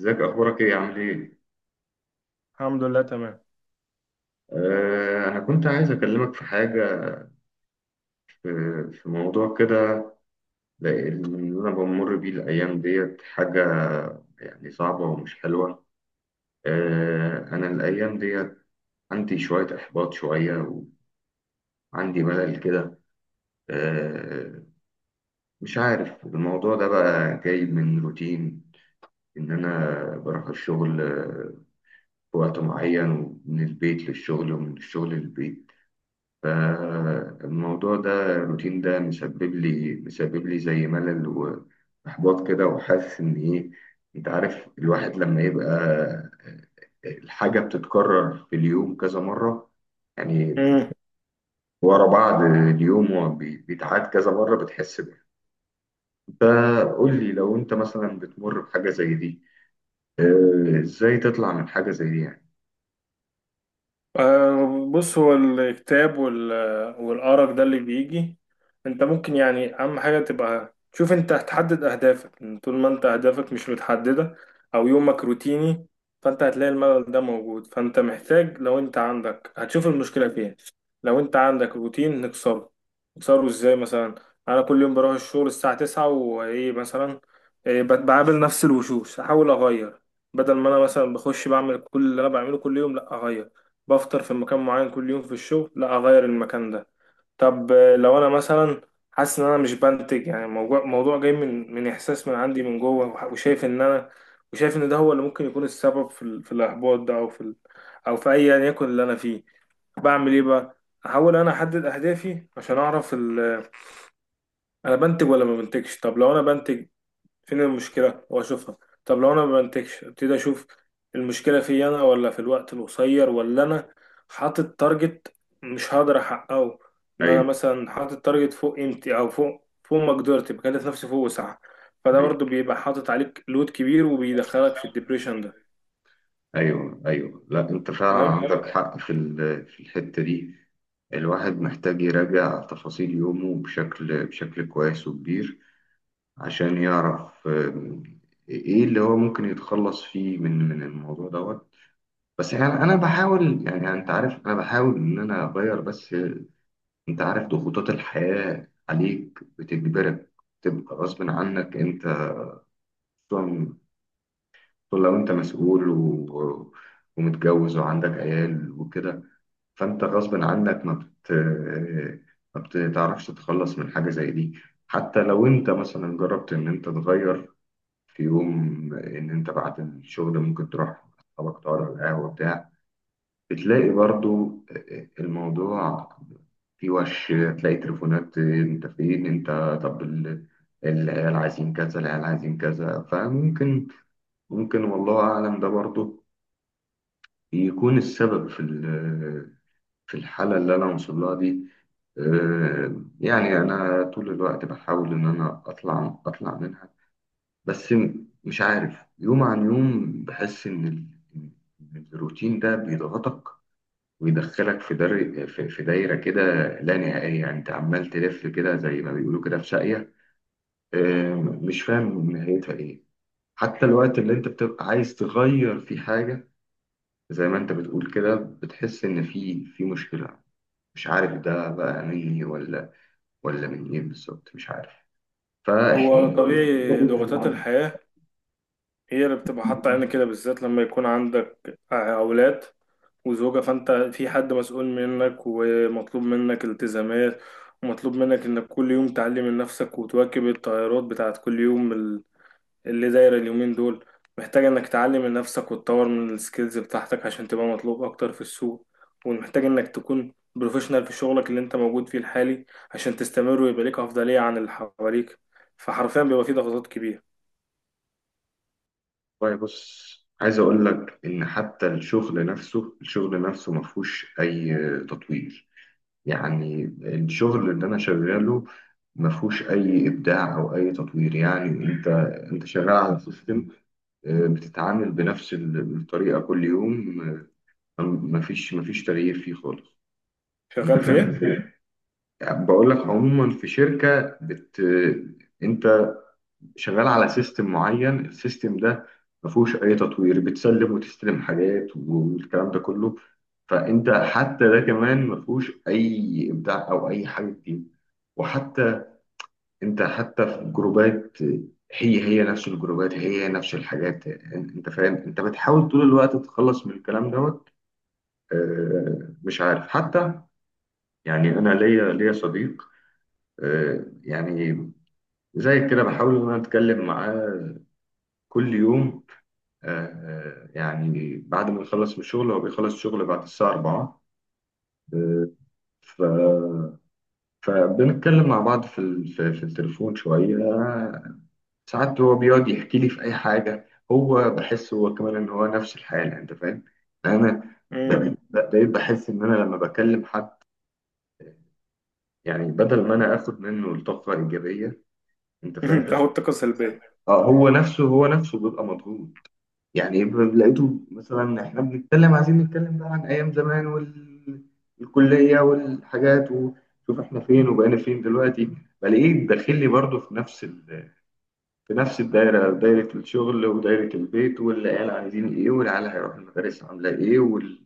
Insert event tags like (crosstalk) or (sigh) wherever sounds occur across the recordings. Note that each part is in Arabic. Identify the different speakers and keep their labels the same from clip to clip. Speaker 1: ازيك؟ اخبارك ايه؟ عامل ايه؟
Speaker 2: الحمد لله تمام.
Speaker 1: آه، انا كنت عايز اكلمك في حاجه، في, في موضوع كده. اللي انا بمر بيه الايام ديت حاجه يعني صعبه ومش حلوه. آه، انا الايام ديت عندي شويه احباط، شويه، وعندي ملل كده. آه. مش عارف الموضوع ده بقى جاي من روتين، ان انا بروح الشغل في وقت معين، ومن البيت للشغل ومن الشغل للبيت. فالموضوع ده، الروتين ده مسبب لي زي ملل وإحباط كده، وحاسس إن إيه، أنت عارف، الواحد لما يبقى الحاجة بتتكرر في اليوم كذا مرة، يعني
Speaker 2: مم.
Speaker 1: ورا بعض، اليوم هو بيتعاد كذا مرة بتحس بيه. فقول لي، لو أنت مثلا بتمر بحاجة زي دي، آه، إزاي تطلع من حاجة زي دي يعني؟
Speaker 2: آه، بص هو الكتاب والأرق ده اللي بيجي. انت ممكن يعني اهم حاجة تبقى شوف، انت هتحدد اهدافك. طول ما انت اهدافك مش متحددة او يومك روتيني، فانت هتلاقي الملل ده موجود. فانت محتاج، لو انت عندك هتشوف المشكلة فين. لو انت عندك روتين نكسره. نكسره ازاي مثلا؟ انا كل يوم بروح الشغل الساعة تسعة وايه مثلا، إيه بقابل نفس الوشوش، احاول اغير. بدل ما انا مثلا بخش بعمل كل اللي انا بعمله كل يوم، لا اغير. بفطر في مكان معين كل يوم في الشغل، لا اغير المكان ده. طب آه، لو انا مثلا حاسس ان انا مش بنتج، يعني موضوع جاي من احساس من عندي من جوه، وشايف ان انا، وشايف ان ده هو اللي ممكن يكون السبب في الاحباط ده، او في ايا يكن اللي انا فيه. بعمل ايه بقى؟ احاول انا احدد اهدافي عشان اعرف انا بنتج ولا ما بنتجش. طب لو انا بنتج، فين المشكلة واشوفها. طب لو انا ما بنتجش، ابتدي اشوف المشكلة في انا ولا في الوقت القصير، ولا انا حاطط تارجت مش هقدر احققه. ان انا
Speaker 1: أيوه،
Speaker 2: مثلا حاطط تارجت فوق قيمتي او فوق مقدرتي، بكلف نفسي فوق وسعها. فده برضه بيبقى حاطط عليك لود كبير، وبيدخلك في الدبريشن ده.
Speaker 1: ايوه، ايوه، لا انت فعلا
Speaker 2: فاهم.
Speaker 1: عندك، فاهم؟ حق في الحته دي. الواحد محتاج يراجع تفاصيل يومه بشكل كويس وكبير، عشان يعرف ايه اللي هو ممكن يتخلص فيه من الموضوع دوت. بس يعني انا بحاول، يعني انت عارف انا بحاول ان انا اغير، بس انت عارف ضغوطات الحياة عليك بتجبرك تبقى غصب عنك، انت خصوصاً لو انت مسؤول ومتجوز وعندك عيال وكده، فانت غصب عنك ما بتعرفش تتخلص من حاجة زي دي. حتى لو انت مثلا جربت ان انت تغير في يوم، ان انت بعد الشغل ممكن تروح مع اصحابك، تقعد على القهوة بتاع، بتلاقي برضو الموضوع، في وش تلاقي تليفونات، انت فين، انت، طب العيال عايزين كذا، العيال عايزين كذا، فممكن والله اعلم ده برضو يكون السبب في الحالة اللي أنا واصل لها دي. يعني أنا طول الوقت بحاول إن أنا أطلع منها، بس مش عارف، يوم عن يوم بحس إن إن الروتين ده بيضغطك ويدخلك في دار في في دايرة كده لا نهائية. يعني أنت عمال تلف كده، زي ما بيقولوا كده في ساقية، آه، مش فاهم نهايتها إيه. حتى الوقت اللي أنت بتبقى عايز تغير فيه حاجة، زي ما أنت بتقول كده، بتحس إن في مشكلة. مش عارف ده بقى مني ولا من ايه بالظبط، مش عارف.
Speaker 2: هو
Speaker 1: فاحنا،
Speaker 2: طبيعي ضغوطات الحياة هي اللي بتبقى حاطة علينا كده، بالذات لما يكون عندك أولاد وزوجة، فأنت في حد مسؤول منك ومطلوب منك التزامات، ومطلوب منك إنك كل يوم تعلم من نفسك وتواكب التغيرات بتاعت كل يوم، اللي دايرة اليومين دول. محتاج إنك تعلم من نفسك وتطور من السكيلز بتاعتك عشان تبقى مطلوب أكتر في السوق، ومحتاج إنك تكون بروفيشنال في شغلك اللي أنت موجود فيه الحالي، عشان تستمر ويبقى ليك أفضلية عن اللي حواليك. فحرفيا بيبقى فيه ضغوطات كبيرة.
Speaker 1: والله بص، عايز اقول لك ان حتى الشغل نفسه ما فيهوش اي تطوير. يعني الشغل اللي انا شغاله ما فيهوش اي ابداع او اي تطوير، يعني انت شغال على سيستم، بتتعامل بنفس الطريقه كل يوم. ما فيش تغيير فيه خالص، انت
Speaker 2: شغال في
Speaker 1: فاهم؟
Speaker 2: إيه؟
Speaker 1: يعني بقول لك عموما في شركه، انت شغال على سيستم معين، السيستم ده ما فيهوش اي تطوير، بتسلم وتستلم حاجات والكلام ده كله. فانت حتى ده كمان ما فيهوش اي ابداع او اي حاجه جديده. وحتى انت حتى في جروبات، هي هي نفس الجروبات، هي هي نفس الحاجات، انت فاهم؟ انت بتحاول طول الوقت تتخلص من الكلام دوت. مش عارف حتى، يعني انا ليا صديق، يعني زي كده بحاول ان انا اتكلم معاه كل يوم. يعني بعد ما يخلص من الشغل، هو بيخلص شغل بعد الساعة 4. آه، ف فبنتكلم مع بعض في ال- في في التليفون شوية ساعات. هو بيقعد يحكي لي في أي حاجة، هو بحس هو كمان إن هو نفس الحالة. أنت فاهم؟ يعني أنا
Speaker 2: مم.
Speaker 1: بقيت بحس إن أنا لما بكلم حد، يعني بدل ما أنا آخد منه الطاقة الإيجابية، أنت
Speaker 2: (laughs)
Speaker 1: فاهم؟
Speaker 2: تاخد طاقة سلبية.
Speaker 1: آه، هو نفسه بيبقى مضغوط. يعني لقيته مثلا، احنا بنتكلم، عايزين نتكلم بقى عن ايام زمان والكليه والحاجات، وشوف احنا فين وبقينا فين دلوقتي. بلاقيه داخل لي برضه في نفس في نفس الدايره، دايره الشغل، ودايره البيت، والعيال عايزين ايه، والعيال هيروحوا المدارس عامله ايه،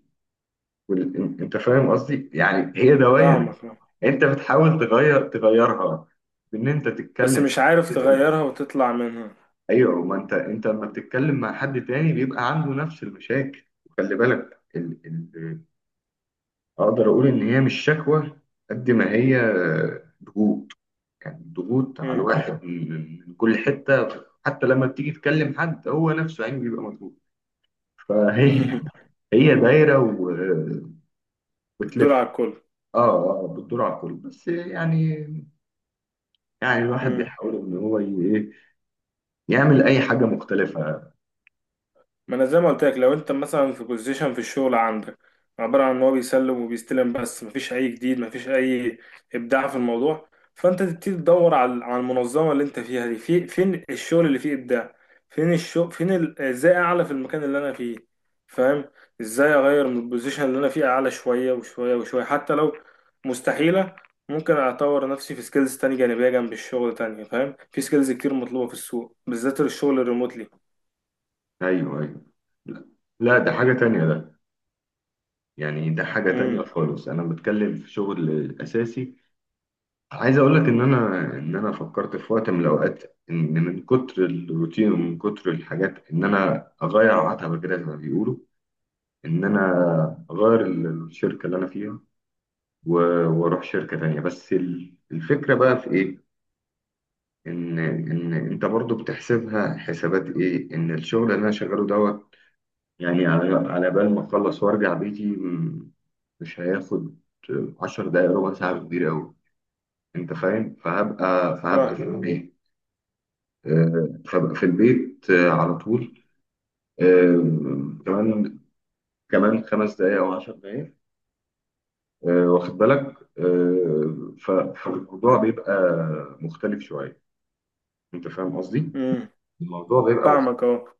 Speaker 1: وال... انت فاهم قصدي؟ يعني هي دوائر.
Speaker 2: فاهمك،
Speaker 1: انت بتحاول تغيرها، بان انت
Speaker 2: بس
Speaker 1: تتكلم.
Speaker 2: مش عارف تغيرها وتطلع منها.
Speaker 1: ايوه، ما انت لما بتتكلم مع حد تاني بيبقى عنده نفس المشاكل. وخلي بالك اقدر اقول ان هي مش شكوى، قد ما هي ضغوط. يعني ضغوط على
Speaker 2: مم.
Speaker 1: الواحد من كل حته. حتى لما بتيجي تكلم حد، هو نفسه يعني بيبقى مضغوط. فهي
Speaker 2: (laughs)
Speaker 1: هي دايره
Speaker 2: دول
Speaker 1: وتلف.
Speaker 2: على الكل.
Speaker 1: اه، اه، بتدور على الكل، بس يعني، يعني الواحد
Speaker 2: مم.
Speaker 1: بيحاول ان هو ايه، يعمل اي حاجه مختلفه.
Speaker 2: ما انا زي ما قلت لك، لو انت مثلا في بوزيشن في الشغل عندك عباره عن ان هو بيسلم وبيستلم، بس مفيش اي جديد، مفيش اي ابداع في الموضوع، فانت تبتدي تدور على المنظمه اللي انت فيها دي. في فين الشغل اللي فيه ابداع، فين الشغل، ازاي اعلى في المكان اللي انا فيه؟ فاهم. ازاي اغير من البوزيشن اللي انا فيه، اعلى شويه وشويه وشويه. حتى لو مستحيله، ممكن اطور نفسي في سكيلز تانية جانبيه جنب الشغل تانية، فاهم. في سكيلز كتير مطلوبه في السوق بالذات الشغل الريموتلي.
Speaker 1: ايوه، ايوه. لا، لا، ده حاجه تانيه ده. يعني ده حاجة تانية
Speaker 2: امم.
Speaker 1: خالص، أنا بتكلم في شغل أساسي. عايز أقول لك إن أنا، إن أنا فكرت في وقت من الأوقات، إن من كتر الروتين ومن كتر الحاجات، إن أنا أغير عتبة كده زي ما بيقولوا، إن أنا أغير الشركة اللي أنا فيها، وأروح شركة تانية، بس الفكرة بقى في إيه؟ إن أنت برضو بتحسبها حسابات، إيه؟ إن الشغل اللي أنا شغاله دوت، يعني على بال ما اخلص وارجع بيتي، مش هياخد 10 دقايق، ربع ساعة كتير قوي، انت فاهم؟ فهبقى في البيت، فهبقى في البيت على طول، آه، كمان كمان 5 دقايق او 10 دقايق، واخد بالك، فالموضوع بيبقى مختلف شوية، انت فاهم قصدي؟
Speaker 2: امم،
Speaker 1: الموضوع بيبقى مختلف.
Speaker 2: فاهمك اه.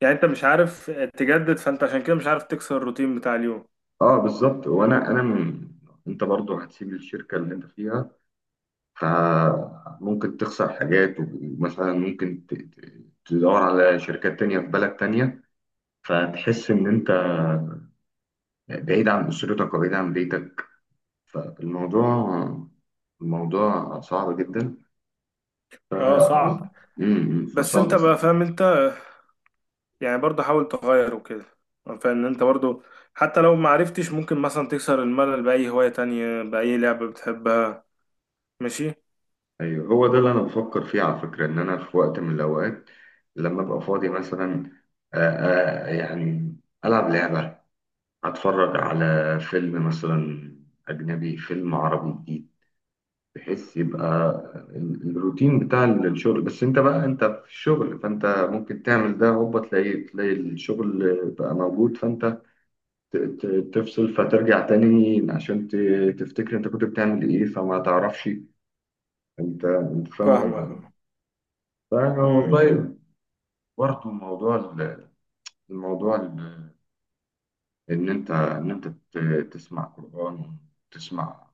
Speaker 2: يعني انت مش عارف تجدد، فانت عشان كده مش عارف تكسر الروتين بتاع اليوم.
Speaker 1: اه، بالظبط، وانا انت برضو هتسيب الشركة اللي انت فيها، فممكن تخسر حاجات، ومثلا ممكن تدور على شركات تانية في بلد تانية، فتحس إن أنت بعيد عن أسرتك وبعيد عن بيتك. فالموضوع الموضوع صعب جدا.
Speaker 2: اه صعب.
Speaker 1: ف...
Speaker 2: بس
Speaker 1: فصعب.
Speaker 2: انت بقى فاهم انت، يعني برضه حاول تغير وكده. فان انت برضه حتى لو ما عرفتش، ممكن مثلا تكسر الملل بأي هواية تانية، بأي لعبة بتحبها. ماشي.
Speaker 1: أيوه، هو ده اللي أنا بفكر فيه على فكرة. إن أنا في وقت من الأوقات، لما أبقى فاضي مثلا، يعني ألعب لعبة، أتفرج على فيلم مثلا أجنبي، فيلم عربي جديد، بحيث يبقى الروتين بتاع الشغل. بس انت بقى، انت في الشغل، فانت ممكن تعمل ده، هوبا تلاقي الشغل بقى موجود، فانت ت- ت- تفصل، فترجع تاني عشان تفتكر انت كنت بتعمل ايه، فما تعرفش. انت فاهم
Speaker 2: فاهمك اه.
Speaker 1: قصدي؟
Speaker 2: امم.
Speaker 1: فوالله، برضه موضوع الموضوع ان انت تسمع قرآن. تسمع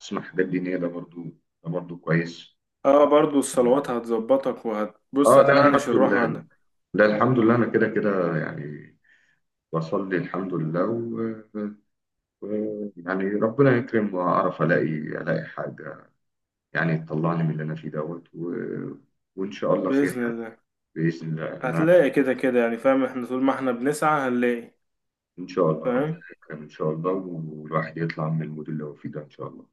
Speaker 1: تسمع حاجات دينية، ده برضه كويس.
Speaker 2: اه برضه الصلوات هتظبطك، وهتبص
Speaker 1: اه، لا،
Speaker 2: هتنعنش
Speaker 1: الحمد
Speaker 2: الروح
Speaker 1: لله.
Speaker 2: عندك.
Speaker 1: لا، الحمد لله، انا كده كده يعني بصلي الحمد لله، و... يعني ربنا يكرم، واعرف الاقي، حاجه يعني تطلعني من اللي انا فيه دوت، وان شاء الله خير
Speaker 2: بإذن
Speaker 1: يعني.
Speaker 2: الله.
Speaker 1: باذن الله انا،
Speaker 2: هتلاقي كده كده يعني، فاهم، احنا طول ما احنا بنسعى هنلاقي.
Speaker 1: ان شاء الله ربنا
Speaker 2: فاهم.
Speaker 1: يكرم، ان شاء الله، والواحد يطلع من المود اللي هو فيه ده، ان شاء الله.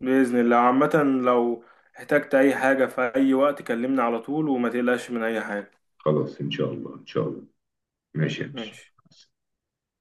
Speaker 2: بإذن الله عامة، لو احتجت أي حاجة في أي وقت كلمني على طول، وما تقلقش من أي حاجة.
Speaker 1: خلاص، ان شاء الله ان شاء الله. ماشي يا باشا.
Speaker 2: ماشي.